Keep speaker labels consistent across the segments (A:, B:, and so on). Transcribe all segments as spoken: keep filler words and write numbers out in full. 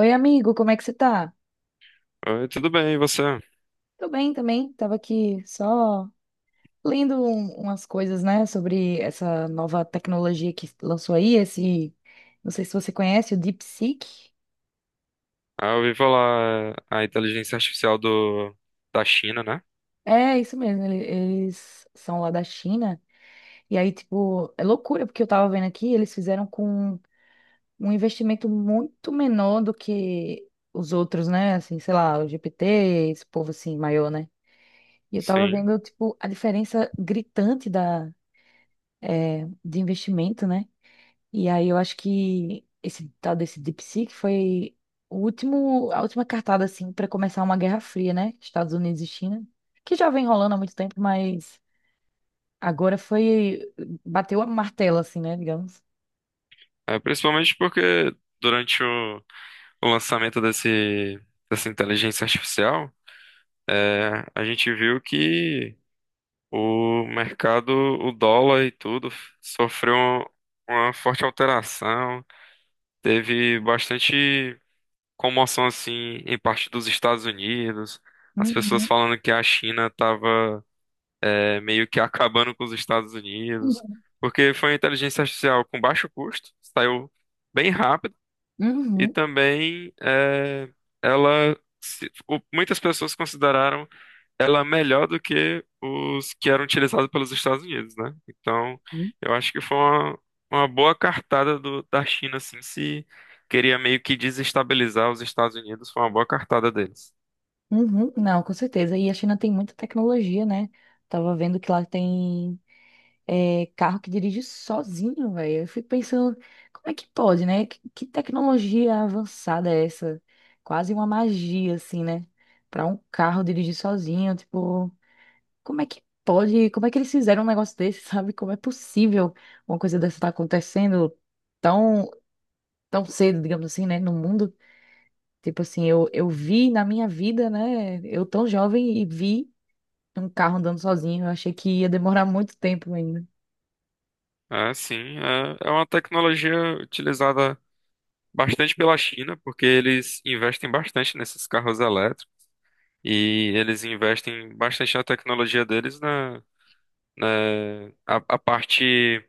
A: Oi, amigo, como é que você tá?
B: Oi, tudo bem, e você?
A: Tô bem também, tava aqui só lendo um- umas coisas, né, sobre essa nova tecnologia que lançou aí, esse, não sei se você conhece, o DeepSeek.
B: Ah, eu ouvi falar é, a inteligência artificial do, da China, né?
A: É, isso mesmo, ele- eles são lá da China, e aí, tipo, é loucura, porque eu tava vendo aqui, eles fizeram com um investimento muito menor do que os outros, né, assim, sei lá, o G P T, esse povo assim, maior, né? E eu tava
B: Sim.
A: vendo, tipo, a diferença gritante da eh, de investimento, né? E aí eu acho que esse tal desse DeepSeek foi o último, a última cartada, assim, para começar uma guerra fria, né? Estados Unidos e China, que já vem rolando há muito tempo, mas agora foi, bateu a martela, assim, né, digamos.
B: É, principalmente porque durante o, o lançamento desse, dessa inteligência artificial, é, a gente viu que o mercado, o dólar e tudo, sofreu um, uma forte alteração. Teve bastante comoção, assim, em parte dos Estados Unidos. As pessoas
A: Uhum.
B: falando que a China estava é, meio que acabando com os Estados Unidos, porque foi uma inteligência artificial com baixo custo, saiu bem rápido, e
A: Uhum.
B: também é, ela se- o- muitas pessoas consideraram ela melhor do que os que eram utilizados pelos Estados Unidos, né? Então, eu acho que foi uma, uma boa cartada do- da China, assim, se queria meio que desestabilizar os Estados Unidos, foi uma boa cartada deles.
A: Uhum. Não, com certeza. E a China tem muita tecnologia, né? Tava vendo que lá tem é, carro que dirige sozinho, velho. Eu fico pensando, como é que pode, né? Que, que tecnologia avançada é essa? Quase uma magia, assim, né? Pra um carro dirigir sozinho, tipo, como é que pode? Como é que eles fizeram um negócio desse, sabe? Como é possível uma coisa dessa estar acontecendo tão, tão cedo, digamos assim, né? No mundo. Tipo assim, eu, eu vi na minha vida, né? Eu tão jovem e vi um carro andando sozinho. Eu achei que ia demorar muito tempo ainda.
B: É, sim, é, é uma tecnologia utilizada bastante pela China, porque eles investem bastante nesses carros elétricos e eles investem bastante na tecnologia deles na, na a, a parte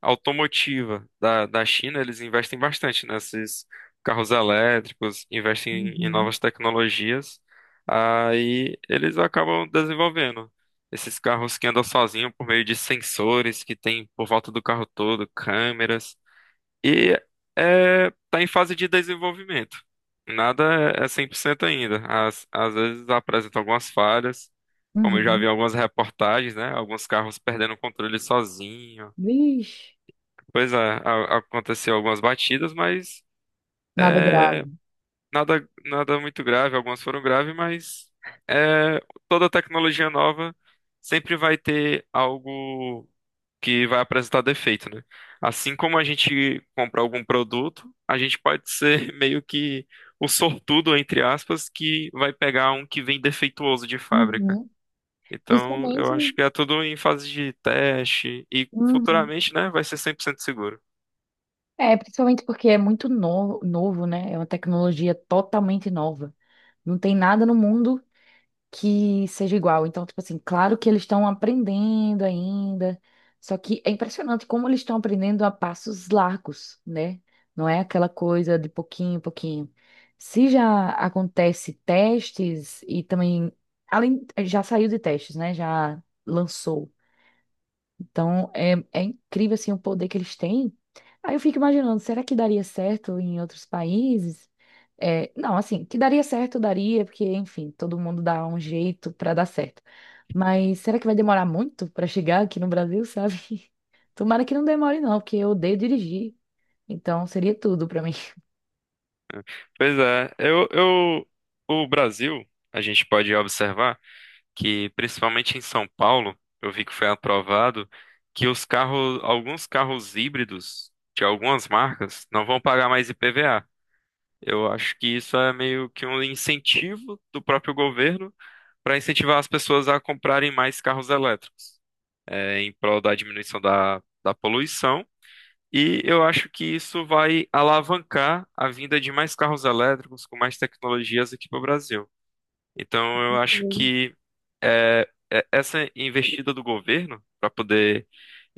B: automotiva da, da China, eles investem bastante nesses carros elétricos, investem em
A: Uhum.
B: novas tecnologias, aí eles acabam desenvolvendo esses carros que andam sozinhos por meio de sensores que tem por volta do carro todo, câmeras. E é, tá em fase de desenvolvimento. Nada é é cem por cento ainda. Às, às vezes apresenta algumas falhas, como eu já
A: Uhum.
B: vi em algumas reportagens, né? Alguns carros perdendo o controle sozinho.
A: Vixe,
B: Pois é, a- aconteceu algumas batidas, mas
A: nada
B: é,
A: grave.
B: nada, nada muito grave. Algumas foram graves, mas é, toda tecnologia nova sempre vai ter algo que vai apresentar defeito, né? Assim como a gente compra algum produto, a gente pode ser meio que o sortudo, entre aspas, que vai pegar um que vem defeituoso de fábrica.
A: Uhum.
B: Então,
A: Principalmente,
B: eu acho que é tudo em fase de teste e
A: uhum.
B: futuramente, né, vai ser cem por cento seguro.
A: É, principalmente porque é muito novo, novo, né? É uma tecnologia totalmente nova. Não tem nada no mundo que seja igual. Então, tipo assim, claro que eles estão aprendendo ainda. Só que é impressionante como eles estão aprendendo a passos largos, né? Não é aquela coisa de pouquinho em pouquinho. Se já acontece testes e também, além, já saiu de testes, né? Já lançou Então, é, é incrível, assim, o poder que eles têm. Aí eu fico imaginando, será que daria certo em outros países? É, não, assim, que daria certo, daria, porque, enfim, todo mundo dá um jeito para dar certo. Mas será que vai demorar muito para chegar aqui no Brasil, sabe? Tomara que não demore, não, porque eu odeio dirigir. Então, seria tudo para mim.
B: Pois é, eu, eu, o Brasil, a gente pode observar que principalmente em São Paulo, eu vi que foi aprovado que os carros, alguns carros híbridos de algumas marcas não vão pagar mais I P V A. Eu acho que isso é meio que um incentivo do próprio governo para incentivar as pessoas a comprarem mais carros elétricos, eh, em prol da diminuição da, da poluição. E eu acho que isso vai alavancar a vinda de mais carros elétricos com mais tecnologias aqui para o Brasil. Então, eu acho
A: Sim.
B: que é, é- essa investida do governo para poder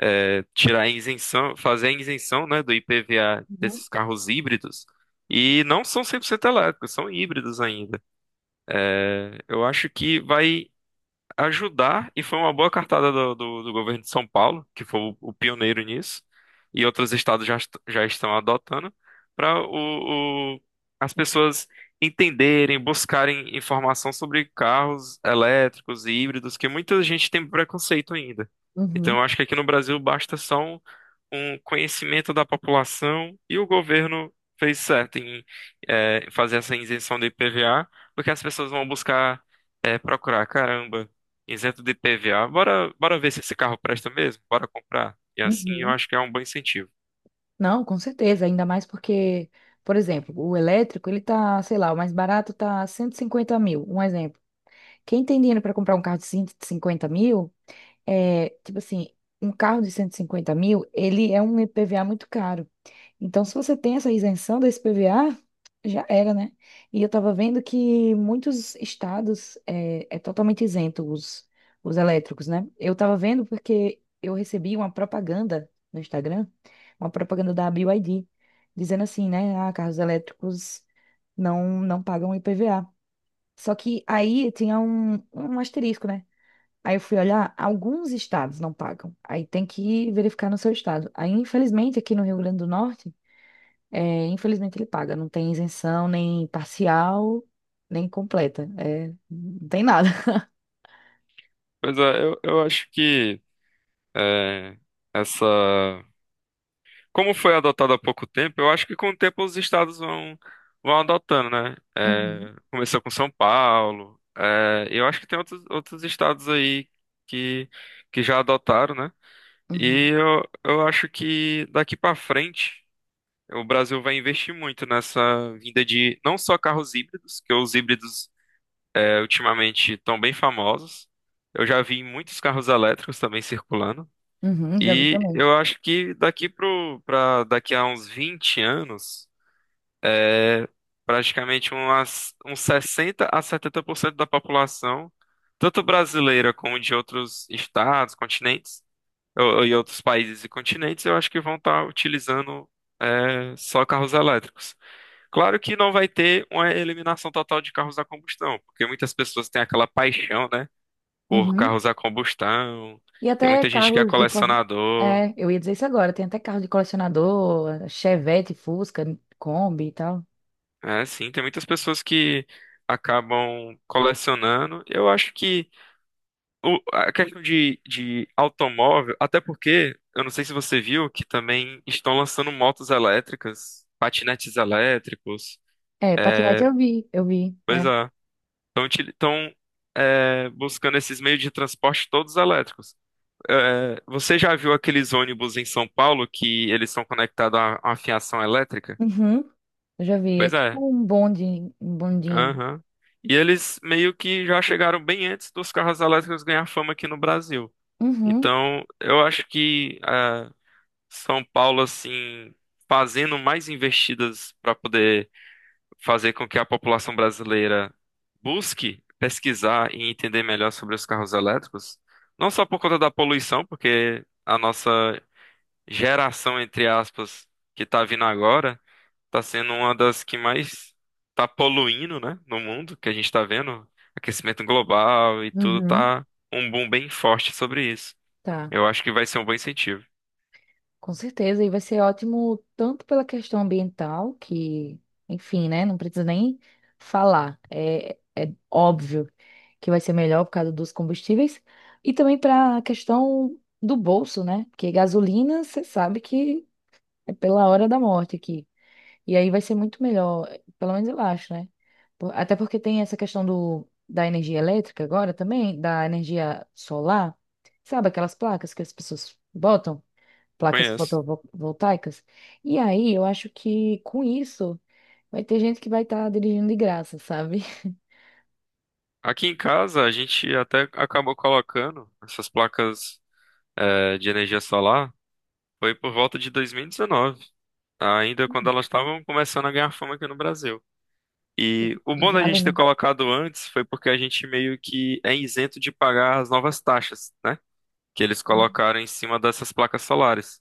B: é, tirar a isenção, fazer a isenção, né, do I P V A
A: Uhum.
B: desses carros híbridos, e não são cem por cento elétricos, são híbridos ainda. É, eu acho que vai ajudar, e foi uma boa cartada do, do, do, governo de São Paulo, que foi o, o pioneiro nisso, e outros estados já, est- já estão adotando, para o, o- as pessoas entenderem, buscarem informação sobre carros elétricos e híbridos, que muita gente tem preconceito ainda. Então,
A: Uhum,
B: eu acho que aqui no Brasil basta só um, um conhecimento da população e o governo fez certo em eh, fazer essa isenção do I P V A, porque as pessoas vão buscar é, procurar, caramba, isento de I P V A. Bora, bora ver se esse carro presta mesmo, bora comprar. E assim eu
A: uhum.
B: acho que é um bom incentivo.
A: Não, com certeza, ainda mais porque, por exemplo, o elétrico, ele tá, sei lá, o mais barato tá cento e cinquenta mil, um exemplo. Quem tem dinheiro para comprar um carro de cento e cinquenta mil, é, tipo assim, um carro de cento e cinquenta mil, ele é um IPVA muito caro. Então, se você tem essa isenção desse IPVA, já era, né? E eu estava vendo que muitos estados é, é totalmente isento os, os, elétricos, né? Eu estava vendo porque eu recebi uma propaganda no Instagram, uma propaganda da B Y D, dizendo assim, né? Ah, carros elétricos não, não pagam IPVA. Só que aí tinha um, um asterisco, né? Aí eu fui olhar, alguns estados não pagam. Aí tem que verificar no seu estado. Aí, infelizmente, aqui no Rio Grande do Norte, é, infelizmente ele paga. Não tem isenção nem parcial, nem completa. É, não tem nada.
B: Pois é, eu, eu acho que é, essa. Como foi adotado há pouco tempo, eu acho que com o tempo os estados vão, vão adotando, né?
A: Uhum,
B: É, começou com São Paulo, é, eu acho que tem outros, outros estados aí que, que já adotaram, né?
A: uhum,
B: E eu, eu acho que daqui pra frente o Brasil vai investir muito nessa vinda de não só carros híbridos, que os híbridos é, ultimamente estão bem famosos. Eu já vi muitos carros elétricos também circulando.
A: uhum, já vi
B: E
A: também.
B: eu acho que daqui pro, pra, daqui a uns vinte anos, é, praticamente umas, uns sessenta a setenta por cento da população, tanto brasileira como de outros estados, continentes, ou- e outros países e continentes, eu acho que vão estar utilizando é, só carros elétricos. Claro que não vai ter uma eliminação total de carros a combustão, porque muitas pessoas têm aquela paixão, né, por
A: Uhum.
B: carros a combustão.
A: E
B: Tem
A: até
B: muita gente que é
A: carros de. co-
B: colecionador.
A: É, eu ia dizer isso agora. Tem até carro de colecionador, Chevette, Fusca, Kombi e tal.
B: É, sim, tem muitas pessoas que acabam colecionando. Eu acho que o- a questão de, de automóvel, até porque, eu não sei se você viu, que também estão lançando motos elétricas, patinetes elétricos.
A: É, patinete
B: é,
A: eu vi, eu vi. É.
B: Pois é, estão buscando esses meios de transporte todos elétricos. É, você já viu aqueles ônibus em São Paulo que eles são conectados a a uma fiação elétrica?
A: Uhum. Eu já vi. É
B: Pois
A: tipo
B: é.
A: um bonde, um bondinho.
B: Aham. E eles meio que já chegaram bem antes dos carros elétricos ganhar fama aqui no Brasil.
A: Uhum,
B: Então, eu acho que ah, São Paulo, assim, fazendo mais investidas para poder fazer com que a população brasileira busque pesquisar e entender melhor sobre os carros elétricos, não só por conta da poluição, porque a nossa geração, entre aspas, que tá vindo agora, tá sendo uma das que mais tá poluindo, né, no mundo, que a gente tá vendo, aquecimento global e tudo
A: uhum.
B: tá um boom bem forte sobre isso.
A: Tá,
B: Eu acho que vai ser um bom incentivo.
A: com certeza. E vai ser ótimo tanto pela questão ambiental, que, enfim, né? Não precisa nem falar. É, é óbvio que vai ser melhor por causa dos combustíveis. E também para a questão do bolso, né? Porque gasolina, você sabe que é pela hora da morte aqui. E aí vai ser muito melhor, pelo menos eu acho, né? Por- Até porque tem essa questão do, da energia elétrica agora também, da energia solar. Sabe aquelas placas que as pessoas botam? Placas
B: Conheço.
A: fotovoltaicas? E aí eu acho que com isso vai ter gente que vai estar dirigindo de graça, sabe?
B: Aqui em casa a gente até acabou colocando essas placas eh, de energia solar, foi por volta de dois mil e dezenove, ainda quando elas estavam começando a ganhar fama aqui no Brasil. E o
A: E
B: bom da
A: vale,
B: gente ter
A: né?
B: colocado antes foi porque a gente meio que é isento de pagar as novas taxas, né? Que eles colocaram em cima dessas placas solares.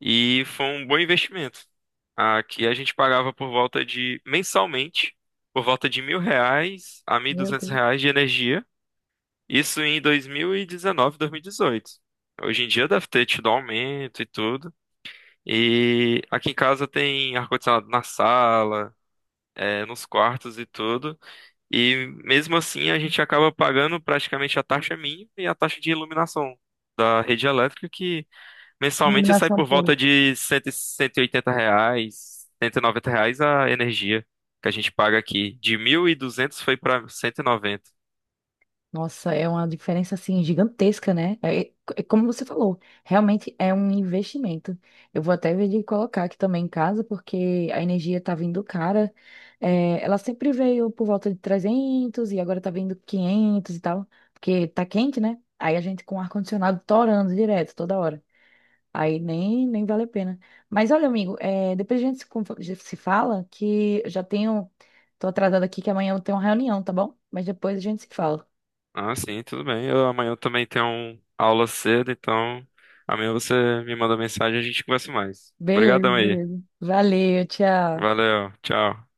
B: E foi um bom investimento. Aqui a gente pagava por volta de, mensalmente, por volta de mil reais a mil e
A: Meu
B: duzentos
A: Deus.
B: reais de energia. Isso em dois mil e dezenove, dois mil e dezoito. Hoje em dia deve ter tido aumento e tudo. E aqui em casa tem ar-condicionado na sala, eh, nos quartos e tudo. E mesmo assim a gente acaba pagando praticamente a taxa mínima e a taxa de iluminação da rede elétrica, que mensalmente sai
A: Iluminação
B: por volta
A: pública.
B: de cento e cento e oitenta reais, cento e noventa reais a energia que a gente paga aqui. De mil e duzentos foi para cento e noventa.
A: Nossa, é uma diferença assim gigantesca, né? É, é como você falou, realmente é um investimento. Eu vou até ver de colocar aqui também em casa, porque a energia tá vindo cara. É, ela sempre veio por volta de trezentos e agora tá vindo quinhentos e tal, porque tá quente, né? Aí a gente com o ar-condicionado torando direto toda hora. Aí nem, nem vale a pena. Mas olha, amigo, é, depois a gente se, conf- se fala que eu já tenho. Tô atrasada aqui que amanhã eu tenho uma reunião, tá bom? Mas depois a gente se fala.
B: Ah, sim, tudo bem. Eu, amanhã eu também tenho um- aula cedo, então amanhã você me manda mensagem e a gente conversa mais.
A: Beleza,
B: Obrigadão aí.
A: beleza. Valeu, tchau.
B: Valeu, tchau.